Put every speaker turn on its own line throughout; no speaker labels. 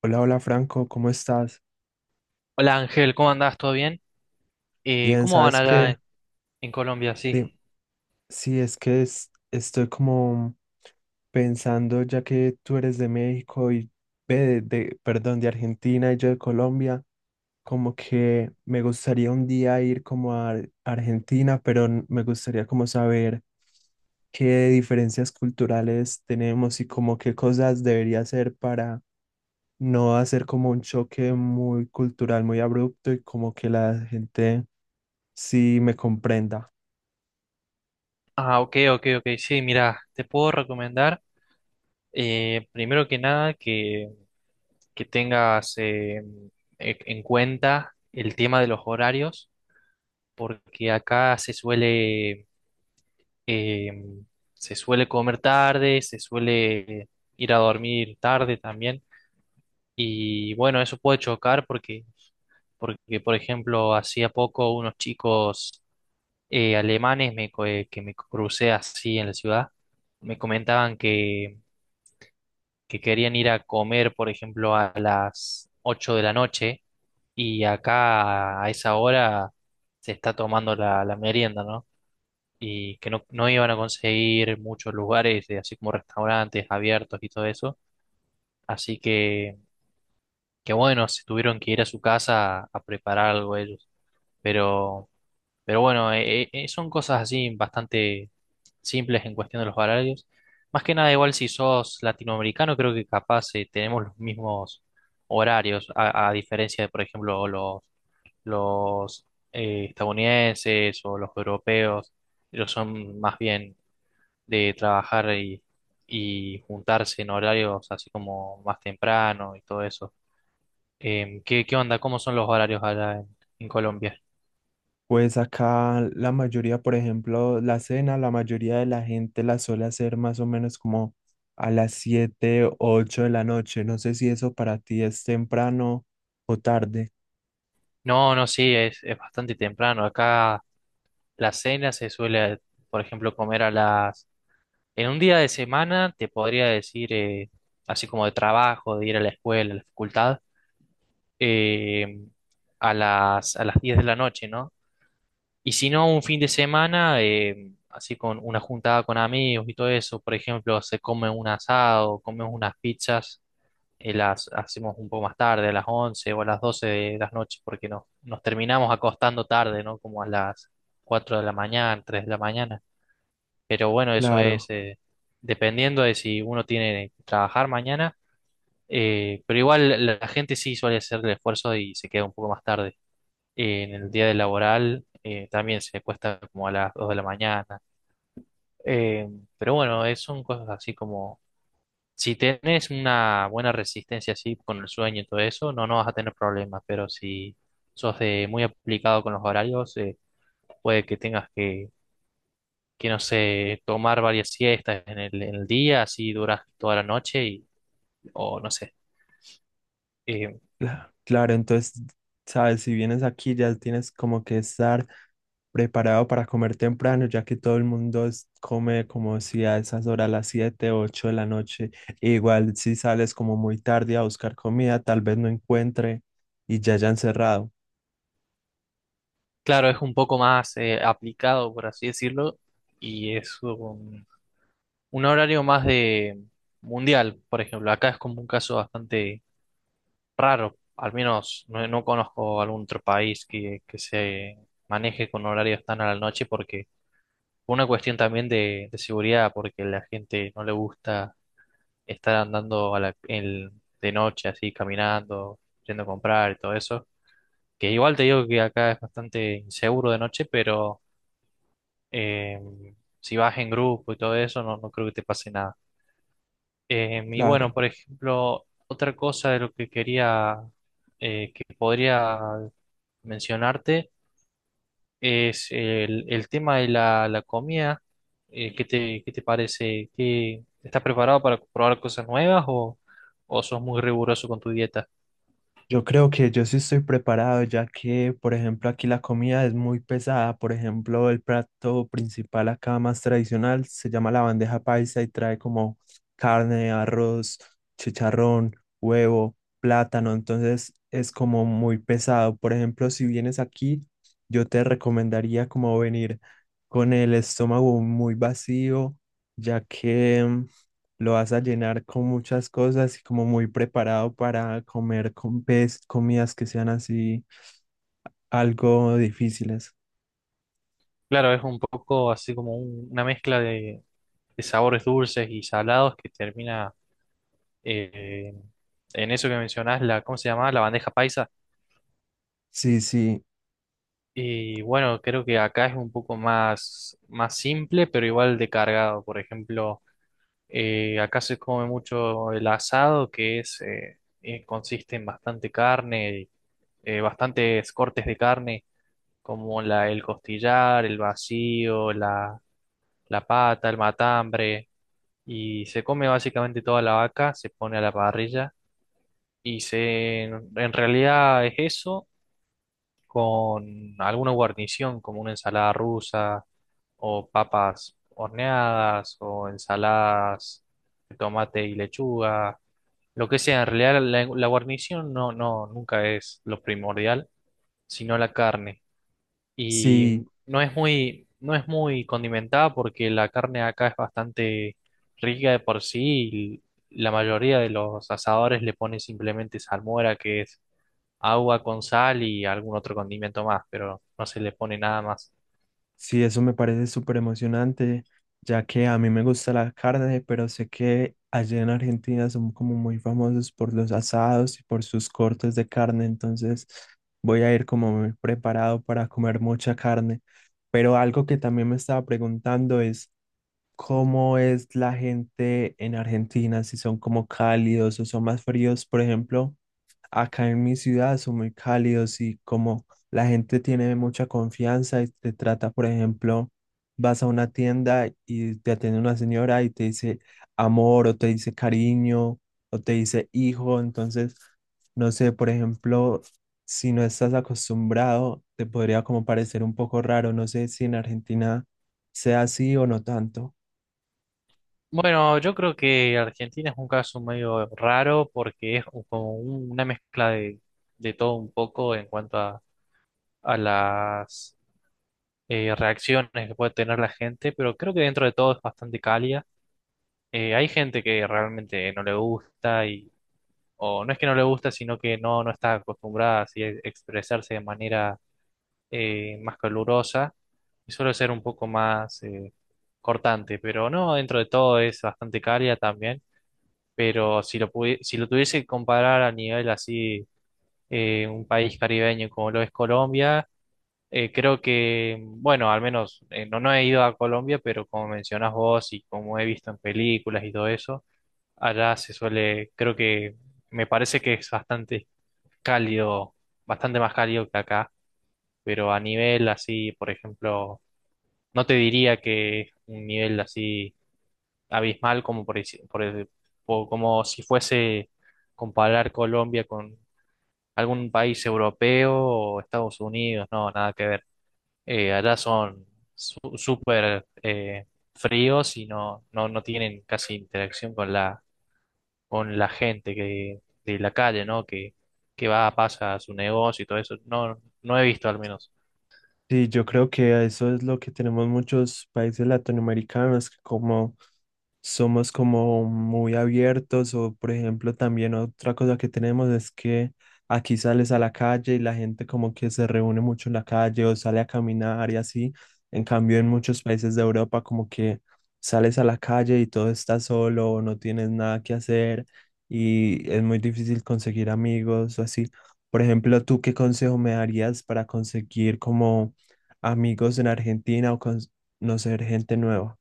Hola, hola Franco, ¿cómo estás?
Hola Ángel, ¿cómo andás? ¿Todo bien?
Bien,
¿Cómo van
¿sabes
allá
qué?
en Colombia?
Sí,
Sí.
sí, estoy como pensando, ya que tú eres de México y ve, de Argentina y yo de Colombia, como que me gustaría un día ir como a Argentina, pero me gustaría como saber qué diferencias culturales tenemos y como qué cosas debería hacer para no hacer como un choque muy cultural, muy abrupto y como que la gente si me comprenda.
Ah, ok, ok, ok. Sí, mira, te puedo recomendar, primero que nada, que tengas en cuenta el tema de los horarios, porque acá eh, se suele comer tarde, se suele ir a dormir tarde también, y bueno, eso puede chocar porque por ejemplo hacía poco unos chicos alemanes que me crucé así en la ciudad, me comentaban que querían ir a comer, por ejemplo, a las 8 de la noche y acá a esa hora se está tomando la merienda, ¿no? Y que no, no iban a conseguir muchos lugares, así como restaurantes abiertos y todo eso. Así que bueno, se tuvieron que ir a su casa a preparar algo ellos. Pero Pero bueno, son cosas así bastante simples en cuestión de los horarios. Más que nada, igual si sos latinoamericano, creo que capaz tenemos los mismos horarios, a diferencia de, por ejemplo, los estadounidenses o los europeos, ellos son más bien de trabajar y juntarse en horarios así como más temprano y todo eso. Qué onda? ¿Cómo son los horarios allá en Colombia?
Pues acá la mayoría, por ejemplo, la cena, la mayoría de la gente la suele hacer más o menos como a las 7, 8 de la noche. No sé si eso para ti es temprano o tarde.
No, no, sí, es bastante temprano. Acá la cena se suele, por ejemplo, comer a las... En un día de semana, te podría decir, así como de trabajo, de ir a la escuela, a la facultad, eh, a las 10 de la noche, ¿no? Y si no, un fin de semana, así con una juntada con amigos y todo eso, por ejemplo, se come un asado, comemos unas pizzas y las hacemos un poco más tarde, a las 11 o a las 12 de las noches, porque nos terminamos acostando tarde, ¿no? Como a las 4 de la mañana, 3 de la mañana. Pero bueno, eso es
Claro.
dependiendo de si uno tiene que trabajar mañana, pero igual la gente sí suele hacer el esfuerzo y se queda un poco más tarde. En el día de laboral también se cuesta como a las 2 de la mañana. Eh, pero bueno, son cosas así como si tienes una buena resistencia así con el sueño y todo eso, no, no vas a tener problemas, pero si sos de muy aplicado con los horarios, puede que tengas que, no sé, tomar varias siestas en el día, así duras toda la noche, y, o no sé. Eh,
Claro, entonces, sabes, si vienes aquí ya tienes como que estar preparado para comer temprano, ya que todo el mundo come como si a esas horas, las 7, 8 de la noche. Igual si sales como muy tarde a buscar comida, tal vez no encuentre y ya hayan cerrado.
claro, es un poco más aplicado, por así decirlo, y es un horario más de mundial, por ejemplo. Acá es como un caso bastante raro, al menos no, no conozco algún otro país que se maneje con horarios tan a la noche porque una cuestión también de seguridad, porque la gente no le gusta estar andando de noche así, caminando, yendo a comprar y todo eso, que igual te digo que acá es bastante inseguro de noche, pero eh, si vas en grupo y todo eso, no, no creo que te pase nada. Y bueno,
Claro.
por ejemplo, otra cosa de lo que quería que podría mencionarte es el tema de la comida. Qué te parece? ¿Qué- estás preparado para probar cosas nuevas o sos muy riguroso con tu dieta?
Yo creo que yo sí estoy preparado, ya que, por ejemplo, aquí la comida es muy pesada. Por ejemplo, el plato principal acá más tradicional se llama la bandeja paisa y trae como carne, arroz, chicharrón, huevo, plátano. Entonces es como muy pesado. Por ejemplo, si vienes aquí, yo te recomendaría como venir con el estómago muy vacío, ya que lo vas a llenar con muchas cosas y como muy preparado para comer con pez, comidas que sean así algo difíciles.
Claro, es un poco así como un- una mezcla de sabores dulces y salados que termina eh, en eso que mencionás, la, ¿cómo se llama? La bandeja paisa.
Sí, sí,
Y bueno, creo que acá es un poco más, más simple, pero igual de cargado. Por ejemplo. Acá se come mucho el asado, que es, consiste en bastante carne, bastantes cortes de carne, como la, el costillar, el vacío, la pata, el matambre, y se come básicamente toda la vaca, se pone a la parrilla, y se, en realidad es eso, con alguna guarnición, como una ensalada rusa, o papas horneadas, o ensaladas de tomate y lechuga. Lo que sea, en realidad la guarnición no, no, nunca es lo primordial, sino la carne.
sí,
Y no es muy, no es muy condimentada porque la carne acá es bastante rica de por sí y la mayoría de los asadores le ponen simplemente salmuera, que es agua con sal y algún otro condimento más, pero no se le pone nada más.
sí, eso me parece súper emocionante, ya que a mí me gusta la carne, pero sé que allá en Argentina son como muy famosos por los asados y por sus cortes de carne, entonces voy a ir como muy preparado para comer mucha carne. Pero algo que también me estaba preguntando es cómo es la gente en Argentina, si son como cálidos o son más fríos. Por ejemplo, acá en mi ciudad son muy cálidos y como la gente tiene mucha confianza y te trata, por ejemplo, vas a una tienda y te atiende una señora y te dice amor o te dice cariño o te dice hijo. Entonces, no sé, por ejemplo, si no estás acostumbrado, te podría como parecer un poco raro. No sé si en Argentina sea así o no tanto.
Bueno, yo creo que Argentina es un caso medio raro porque es como un- una mezcla de todo un poco en cuanto a las reacciones que puede tener la gente, pero creo que dentro de todo es bastante cálida. Hay gente que realmente no le gusta y, o no es que no le gusta, sino que no, no está acostumbrada así a expresarse de manera más calurosa y suele ser un poco más cortante, pero no, dentro de todo es bastante cálida también, pero si lo, pudi- si lo tuviese que comparar a nivel así, un país caribeño como lo es Colombia. Creo que, bueno, al menos no, no he ido a Colombia, pero como mencionás vos y como he visto en películas y todo eso, allá se suele, creo que me parece que es bastante cálido, bastante más cálido que acá, pero a nivel así, por ejemplo, no te diría que es un nivel así abismal como por, deci- por el- o como si fuese comparar Colombia con algún país europeo o Estados Unidos, no, nada que ver. Allá son súper fríos y no, no, no tienen casi interacción con con la gente que, de la calle, ¿no? Que va, pasa a su negocio y todo eso. No, no he visto al menos.
Sí, yo creo que a eso es lo que tenemos muchos países latinoamericanos, que como somos como muy abiertos o por ejemplo también otra cosa que tenemos es que aquí sales a la calle y la gente como que se reúne mucho en la calle o sale a caminar y así. En cambio en muchos países de Europa como que sales a la calle y todo está solo o no tienes nada que hacer y es muy difícil conseguir amigos o así. Por ejemplo, ¿tú qué consejo me darías para conseguir como amigos en Argentina o conocer gente nueva?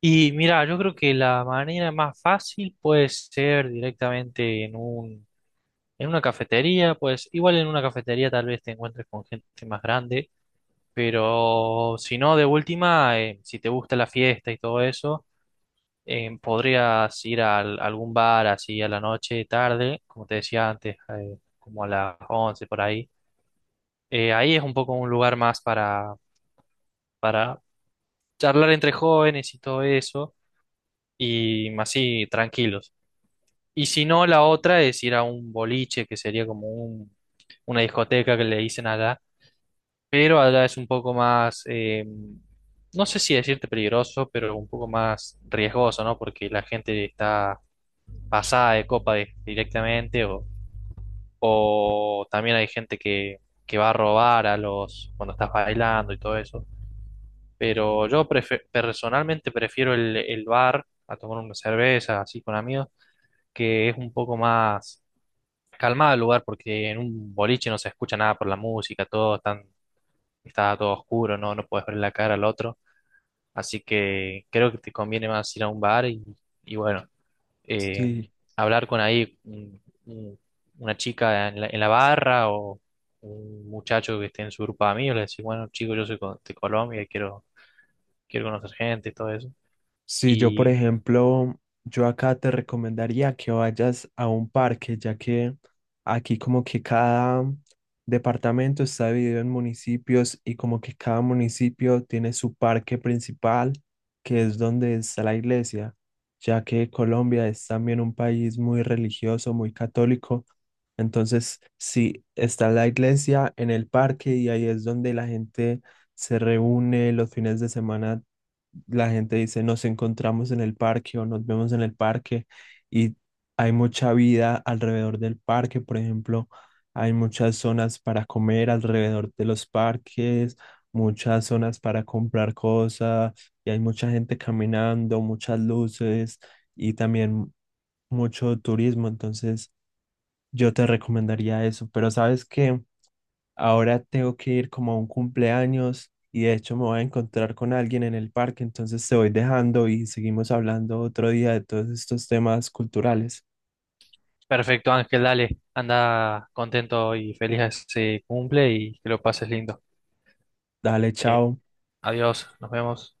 Y mira, yo creo que la manera más fácil puede ser directamente en un, en una cafetería, pues igual en una cafetería tal vez te encuentres con gente más grande, pero si no, de última, si te gusta la fiesta y todo eso. Eh, podrías ir a algún bar así a la noche, tarde, como te decía antes, como a las 11 por ahí. Ahí es un poco un lugar más para charlar entre jóvenes y todo eso, y más así tranquilos. Y si no, la otra es ir a un boliche, que sería como un, una discoteca que le dicen allá, pero allá es un poco más, no sé si decirte peligroso, pero un poco más riesgoso, ¿no? Porque la gente está pasada de copa directamente o también hay gente que va a robar a los cuando estás bailando y todo eso. Pero yo personalmente prefiero el bar a tomar una cerveza así con amigos, que es un poco más calmado el lugar porque en un boliche no se escucha nada por la música, está todo oscuro, no, no puedes ver la cara al otro. Así que creo que te conviene más ir a un bar y bueno. Eh,
Sí,
hablar con ahí una chica en en la barra o un muchacho que esté en su grupo de amigos, le decís, bueno, chico, yo soy de Colombia y quiero, quiero conocer gente y todo eso.
si yo, por
Y
ejemplo, yo acá te recomendaría que vayas a un parque, ya que aquí como que cada departamento está dividido en municipios y como que cada municipio tiene su parque principal, que es donde está la iglesia, ya que Colombia es también un país muy religioso, muy católico. Entonces, sí, está la iglesia en el parque y ahí es donde la gente se reúne los fines de semana. La gente dice nos encontramos en el parque o nos vemos en el parque, y hay mucha vida alrededor del parque. Por ejemplo, hay muchas zonas para comer alrededor de los parques, muchas zonas para comprar cosas y hay mucha gente caminando, muchas luces y también mucho turismo. Entonces yo te recomendaría eso, pero sabes que ahora tengo que ir como a un cumpleaños y de hecho me voy a encontrar con alguien en el parque, entonces te voy dejando y seguimos hablando otro día de todos estos temas culturales.
perfecto, Ángel, dale, anda contento y feliz a ese cumple y que lo pases lindo.
Dale,
Eh,
chao.
adiós, nos vemos.